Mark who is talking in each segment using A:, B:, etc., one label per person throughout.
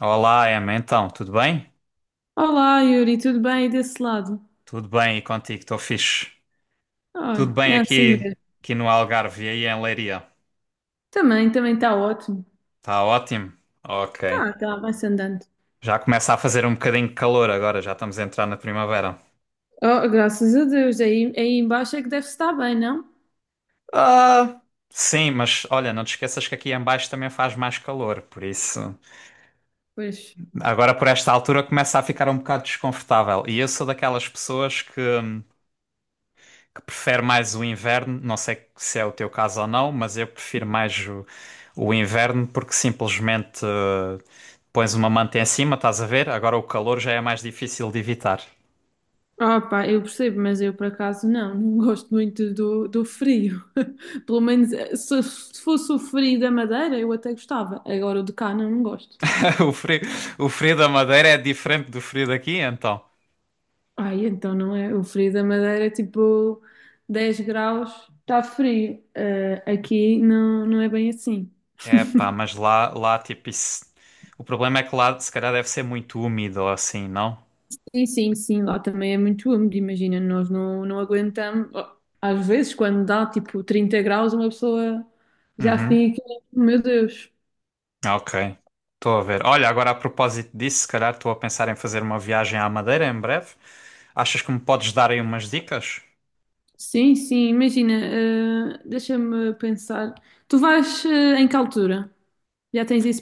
A: Olá, Emma. Então, tudo bem?
B: Olá, Yuri, tudo bem aí desse lado?
A: Tudo bem e contigo? Estou fixe. Tudo
B: Olha,
A: bem
B: é assim
A: aqui,
B: mesmo.
A: no Algarve e aí em Leiria.
B: Também, também está ótimo.
A: Está ótimo? Ok.
B: Tá, tá, vai-se andando.
A: Já começa a fazer um bocadinho de calor agora, já estamos a entrar na primavera.
B: Oh, graças a Deus, aí embaixo é que deve estar bem, não?
A: Ah, sim, mas olha, não te esqueças que aqui em baixo também faz mais calor, por isso.
B: Pois.
A: Agora por esta altura começa a ficar um bocado desconfortável. E eu sou daquelas pessoas que prefere mais o inverno. Não sei se é o teu caso ou não, mas eu prefiro mais o inverno porque simplesmente pões uma manta em cima, estás a ver? Agora o calor já é mais difícil de evitar.
B: Ah, pá, eu percebo, mas eu por acaso não gosto muito do frio. Pelo menos se fosse o frio da Madeira, eu até gostava. Agora o de cá não gosto.
A: O frio, o frio da Madeira é diferente do frio daqui, então.
B: Ai, então não é. O frio da Madeira é tipo 10 graus, está frio. Aqui não é bem assim.
A: É pá, mas lá tipo isso. O problema é que lá se calhar deve ser muito úmido ou assim, não?
B: Sim, sim, sim, lá também é muito úmido, imagina, nós não aguentamos. Oh, às vezes, quando dá tipo 30 graus, uma pessoa já
A: Uhum.
B: fica, meu Deus.
A: Ah, Ok, estou a ver. Olha, agora a propósito disso, se calhar estou a pensar em fazer uma viagem à Madeira em breve. Achas que me podes dar aí umas dicas?
B: Sim, sim, imagina, deixa-me pensar. Tu vais, em que altura? Já tens isso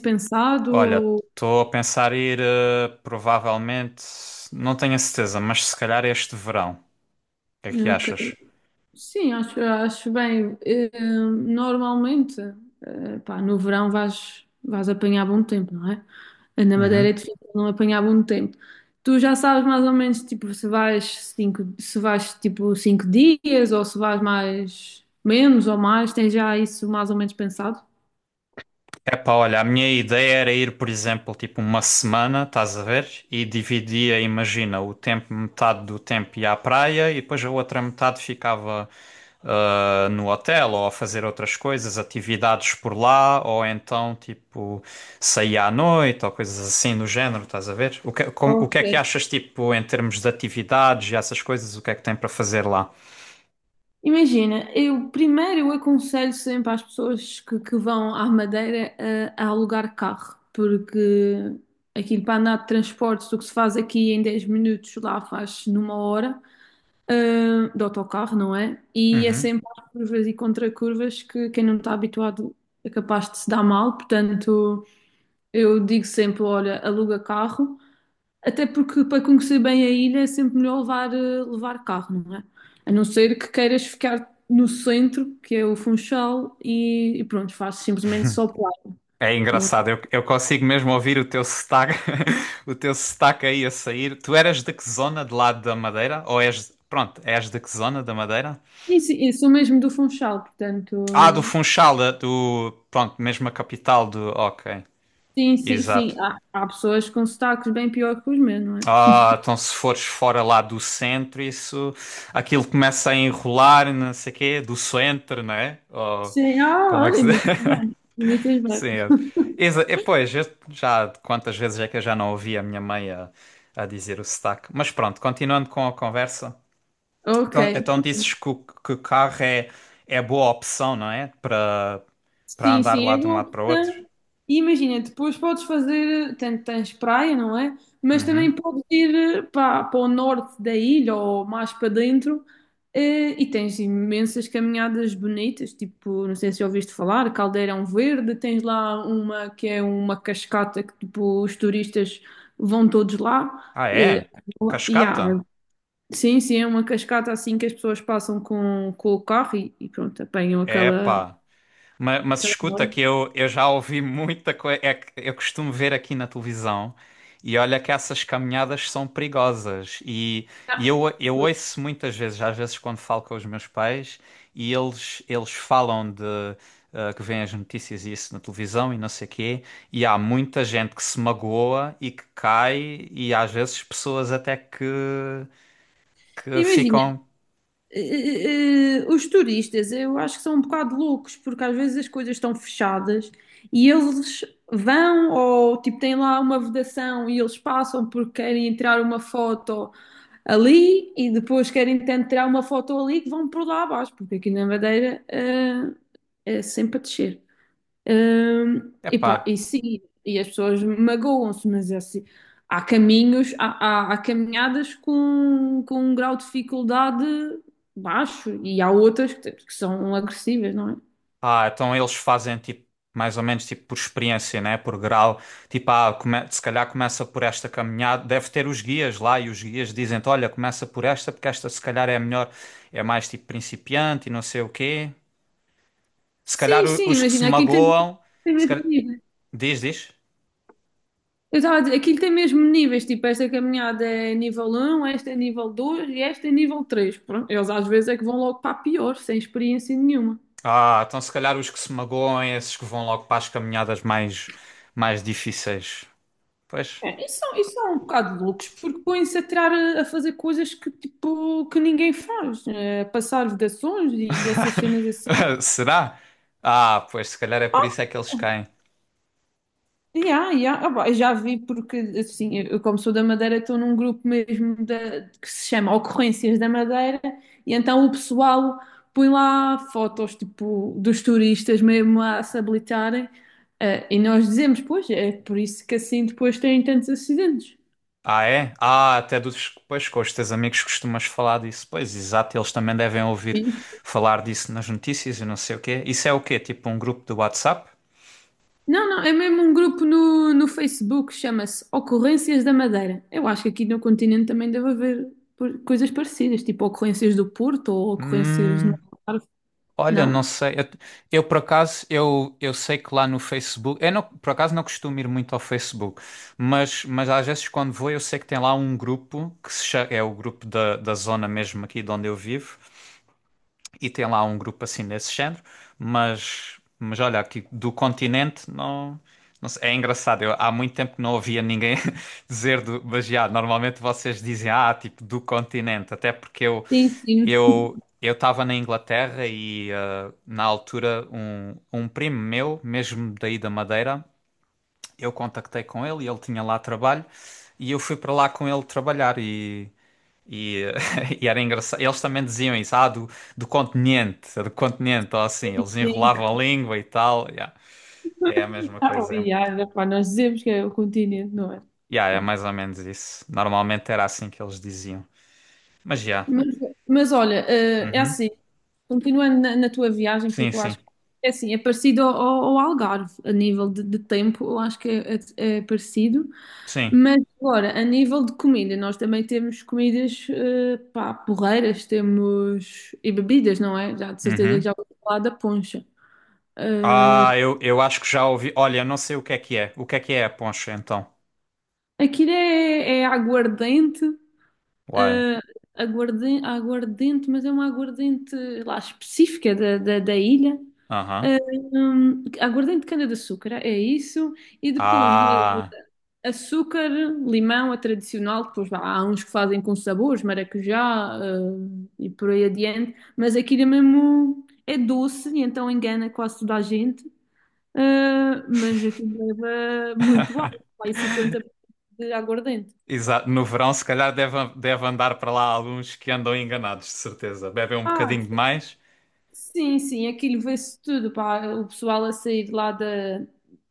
A: Olha,
B: pensado?
A: estou a pensar ir, provavelmente, não tenho a certeza, mas se calhar este verão. O que é que
B: Ou.
A: achas?
B: Sim, acho bem. Normalmente, pá, no verão vais apanhar bom tempo, não é? Na Madeira é
A: Uhum.
B: difícil não apanhar bom tempo. Tu já sabes mais ou menos, tipo, se vais, tipo, 5 dias ou se vais mais, menos ou mais, tens já isso mais ou menos pensado?
A: Epá, olha, a minha ideia era ir, por exemplo, tipo uma semana, estás a ver? E dividia, imagina, o tempo, metade do tempo ia à praia e depois a outra metade ficava no hotel ou a fazer outras coisas, atividades por lá, ou então tipo saía à noite ou coisas assim do género, estás a ver? O que, o que é que
B: Ok.
A: achas, tipo, em termos de atividades e essas coisas, o que é que tem para fazer lá?
B: Imagina, eu primeiro eu aconselho sempre às pessoas que vão à Madeira a alugar carro, porque aquilo para andar de transportes, o que se faz aqui em 10 minutos, lá faz numa hora, de autocarro, não é? E é
A: Uhum.
B: sempre às curvas e contracurvas que quem não está habituado é capaz de se dar mal, portanto eu digo sempre, olha, aluga carro. Até porque para conhecer bem a ilha é sempre melhor levar carro, não é? A não ser que queiras ficar no centro, que é o Funchal, e pronto, faz simplesmente só praia,
A: É
B: não
A: engraçado,
B: é?
A: eu consigo mesmo ouvir o teu sotaque, o teu sotaque aí a sair. Tu eras de que zona de lado da Madeira? Ou és, pronto, és de que zona da Madeira?
B: E sim, eu sou mesmo do Funchal, portanto,
A: Ah, do Funchal, pronto, mesmo a capital do, ok,
B: sim, sim, sim.
A: exato.
B: Há pessoas com sotaques bem pior que os meus, não é?
A: Ah, então se fores fora lá do centro, isso, aquilo começa a enrolar, não sei o quê, do centro, não é? Ou,
B: Sim,
A: como é que
B: olha,
A: se diz?
B: imitas bem, imitas bem.
A: Sim, é, é, pois, eu já quantas vezes é que eu já não ouvi a minha mãe a dizer o sotaque. Mas pronto, continuando com a conversa.
B: Ok.
A: Então, então dizes que que o carro é boa opção, não é? Para
B: Sim,
A: andar
B: sim,
A: lá
B: é
A: de um
B: boa
A: lado para o outro.
B: opção. E imagina, depois podes fazer, tanto tens praia, não é? Mas também
A: Uhum.
B: podes ir para o norte da ilha ou mais para dentro e tens imensas caminhadas bonitas, tipo, não sei se já ouviste falar, Caldeirão Verde, tens lá uma que é uma cascata que tipo, os turistas vão todos lá.
A: Ah, é?
B: E há-
A: Cascata?
B: Sim, sim, é uma cascata assim que as pessoas passam com o carro e pronto, apanham aquela,
A: Epá. Mas,
B: aquela...
A: escuta que eu já ouvi muita coisa. Eu costumo ver aqui na televisão e olha que essas caminhadas são perigosas. E eu ouço muitas vezes, às vezes quando falo com os meus pais, e eles falam de que vêm as notícias e isso na televisão e não sei quê, e há muita gente que se magoa e que cai, e às vezes pessoas até que
B: Imagina,
A: ficam.
B: os turistas, eu acho que são um bocado loucos, porque às vezes as coisas estão fechadas e eles vão ou tipo têm lá uma vedação e eles passam porque querem tirar uma foto ali e depois querem tentar tirar uma foto ali que vão por lá abaixo, porque aqui na Madeira, é sempre a descer.
A: Epá,
B: Epá, e sim, e as pessoas magoam-se, mas é assim, há caminhos, há caminhadas com um grau de dificuldade baixo e há outras que são agressivas, não é?
A: ah, então eles fazem tipo mais ou menos tipo por experiência, né? Por grau. Tipo, ah, se calhar começa por esta caminhada, deve ter os guias lá e os guias dizem-te, olha, começa por esta porque esta se calhar é a melhor, é mais tipo principiante e não sei o quê. Se calhar
B: Sim, sim,
A: os que se
B: imagina, aquilo tem,
A: magoam,
B: tem
A: se
B: mesmo
A: calhar...
B: níveis.
A: diz, diz.
B: Eu estava a dizer, aquilo tem mesmo níveis, tipo, esta caminhada é nível um, esta é nível 2 e esta é nível três. Pronto, eles às vezes é que vão logo para a pior, sem experiência nenhuma.
A: Ah, então se calhar os que se magoam é esses que vão logo para as caminhadas mais difíceis. Pois.
B: É, isso, isso é um bocado de loucos, porque põem-se a tirar a fazer coisas que, tipo, que ninguém faz, passar vedações e essas cenas assim.
A: Será? Ah, pois se calhar é por
B: Ah,
A: isso é que eles caem.
B: yeah, yeah. Ah, pá, eu já vi, porque assim, eu como sou da Madeira, estou num grupo mesmo que se chama Ocorrências da Madeira, e então o pessoal põe lá fotos, tipo, dos turistas mesmo a se habilitarem, e nós dizemos, pois, é por isso que assim depois têm tantos acidentes.
A: Ah, é? Ah, até dos, pois, com os teus amigos costumas falar disso. Pois, exato, eles também devem ouvir falar disso nas notícias e não sei o quê. Isso é o quê? Tipo um grupo do WhatsApp?
B: Não, não, é mesmo um grupo no Facebook, chama-se Ocorrências da Madeira. Eu acho que aqui no continente também deve haver coisas parecidas, tipo ocorrências do Porto ou ocorrências no
A: Hum,
B: Algarve,
A: olha, não
B: não?
A: sei. Por acaso, eu sei que lá no Facebook, eu não, por acaso não costumo ir muito ao Facebook, mas às vezes quando vou eu sei que tem lá um grupo que se é o grupo da zona mesmo aqui de onde eu vivo, e tem lá um grupo assim nesse género, mas olha, aqui do continente não, não sei, é engraçado. Eu, há muito tempo que não ouvia ninguém dizer do, mas já, normalmente vocês dizem, ah, tipo, do continente, até porque
B: Sim, sim,
A: eu estava na Inglaterra e na altura um primo meu, mesmo daí da Madeira, eu contactei com ele e ele tinha lá trabalho e eu fui para lá com ele trabalhar e, e era engraçado. Eles também diziam isso, ah, do, do continente, ou assim, eles
B: sim.
A: enrolavam a língua e tal. Yeah. É a mesma
B: Ah, oh,
A: coisa. É,
B: e há, pá, nós dizemos que é o continente, não é?
A: yeah, é mais ou menos isso. Normalmente era assim que eles diziam. Mas já.
B: Mas, mas olha, é
A: Uhum.
B: assim, continuando na tua viagem,
A: Sim,
B: porque eu
A: sim.
B: acho que é assim, é parecido ao, ao Algarve, a nível de tempo, eu acho que é parecido.
A: Sim.
B: Mas agora, a nível de comida, nós também temos comidas, pá, porreiras, temos e bebidas, não é? Já de certeza que
A: Uhum.
B: já ouvi falar da poncha.
A: Ah, eu acho que já ouvi. Olha, eu não sei o que é que é. O que é a poncha, então?
B: Aquilo é aguardente,
A: Uai.
B: eh, aguardente, mas é uma aguardente lá específica da ilha.
A: Aham.
B: Aguardente de cana-de-açúcar, é isso. E depois
A: Ah.
B: açúcar, limão, a tradicional. Depois vá, há uns que fazem com sabores, maracujá, e por aí adiante. Mas aquilo é mesmo é doce, e então engana quase toda a gente. Ah, mas aqui leva muito álcool, vai 50% de aguardente.
A: Exato, no verão se calhar deve, deve andar para lá alguns que andam enganados, de certeza. Bebem um
B: Ah,
A: bocadinho demais.
B: sim, sim, aquilo vê-se tudo, pá. O pessoal a sair lá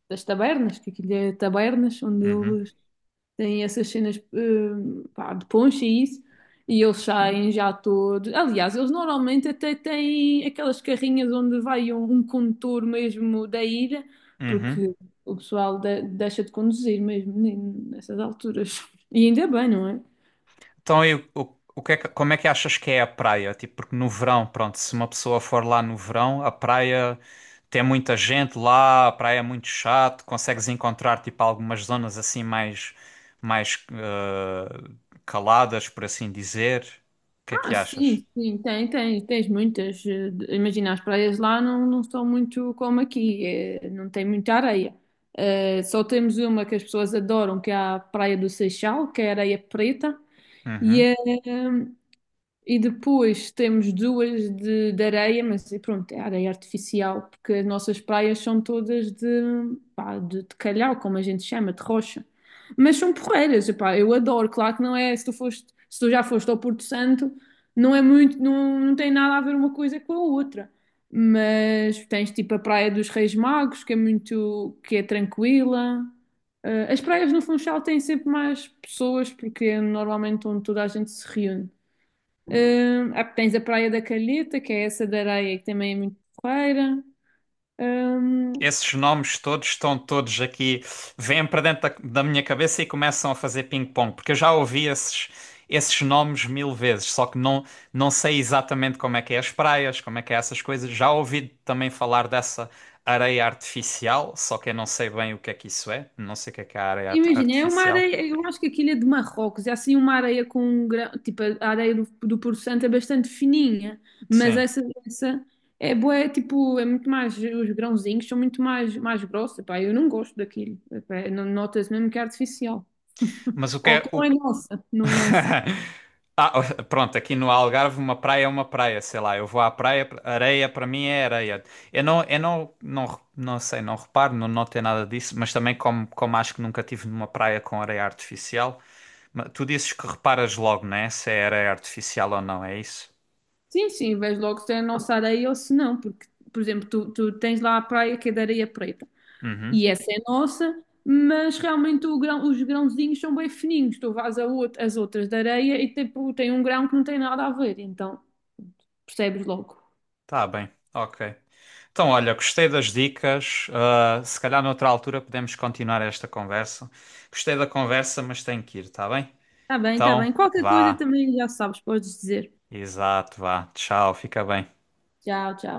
B: das tabernas, que aquilo é tabernas, onde
A: Uhum,
B: eles tem essas cenas, pá, de poncha e isso, e eles saem já todos. Aliás, eles normalmente até têm aquelas carrinhas onde vai um condutor mesmo da ilha,
A: uhum.
B: porque o pessoal deixa de conduzir mesmo nessas alturas. E ainda bem, não é?
A: Então, e o que é como é que achas que é a praia? Tipo, porque no verão, pronto, se uma pessoa for lá no verão, a praia tem muita gente lá, a praia é muito chato, consegues encontrar tipo algumas zonas assim mais, mais caladas, por assim dizer. O que é
B: Ah,
A: que
B: sim,
A: achas?
B: sim, tens muitas. Imagina, as praias lá não são muito como aqui, não tem muita areia. Só temos uma que as pessoas adoram, que é a Praia do Seixal, que é areia preta. E,
A: Uhum.
B: eh, e depois temos duas de areia, mas e pronto, é areia artificial, porque as nossas praias são todas de, pá, de calhau, como a gente chama, de rocha. Mas são porreiras, epá, eu adoro. Claro que não é, se tu já foste ao Porto Santo, não é muito, não tem nada a ver uma coisa com a outra. Mas tens tipo a Praia dos Reis Magos, que é tranquila. As praias no Funchal têm sempre mais pessoas, porque é normalmente onde toda a gente se reúne. Tens a Praia da Calheta, que é essa da areia que também é muito porreira. Hum,
A: Esses nomes todos estão todos aqui, vêm para dentro da minha cabeça e começam a fazer ping-pong, porque eu já ouvi esses, esses nomes mil vezes, só que não, não sei exatamente como é que é as praias, como é que é essas coisas. Já ouvi também falar dessa areia artificial, só que eu não sei bem o que é que isso é, não sei o que é a areia
B: Imagina, é uma
A: artificial.
B: areia, eu acho que aquilo é de Marrocos, é assim uma areia com um grão, tipo a areia do Porto Santo é bastante fininha, mas
A: Sim,
B: essa é boa, é tipo, os grãozinhos são muito mais, mais grossos. Epá, eu não gosto daquilo. Epá, nota-se mesmo que é artificial.
A: mas o que
B: Ou
A: é
B: que não é
A: o.
B: nossa, não é nossa.
A: Ah, pronto, aqui no Algarve uma praia é uma praia, sei lá, eu vou à praia, areia para mim é areia. Eu não, não, não sei, não reparo, não notei nada disso, mas também como acho que nunca tive numa praia com areia artificial, tu dizes que reparas logo, né? Se é areia artificial ou não, é isso?
B: Sim, sim, vês logo se é a nossa areia ou se não, porque, por exemplo, tu tens lá a praia que é de areia preta.
A: Uhum,
B: E essa é nossa, mas realmente o os grãozinhos são bem fininhos. Tu vais as outras da areia e tipo, tem um grão que não tem nada a ver, então percebes logo.
A: tá bem, ok. Então, olha, gostei das dicas, ah, se calhar noutra altura podemos continuar esta conversa. Gostei da conversa, mas tenho que ir, tá bem?
B: Tá bem, tá bem.
A: Então,
B: Qualquer coisa
A: vá.
B: também já sabes, podes dizer.
A: Exato, vá. Tchau, fica bem.
B: Tchau, tchau.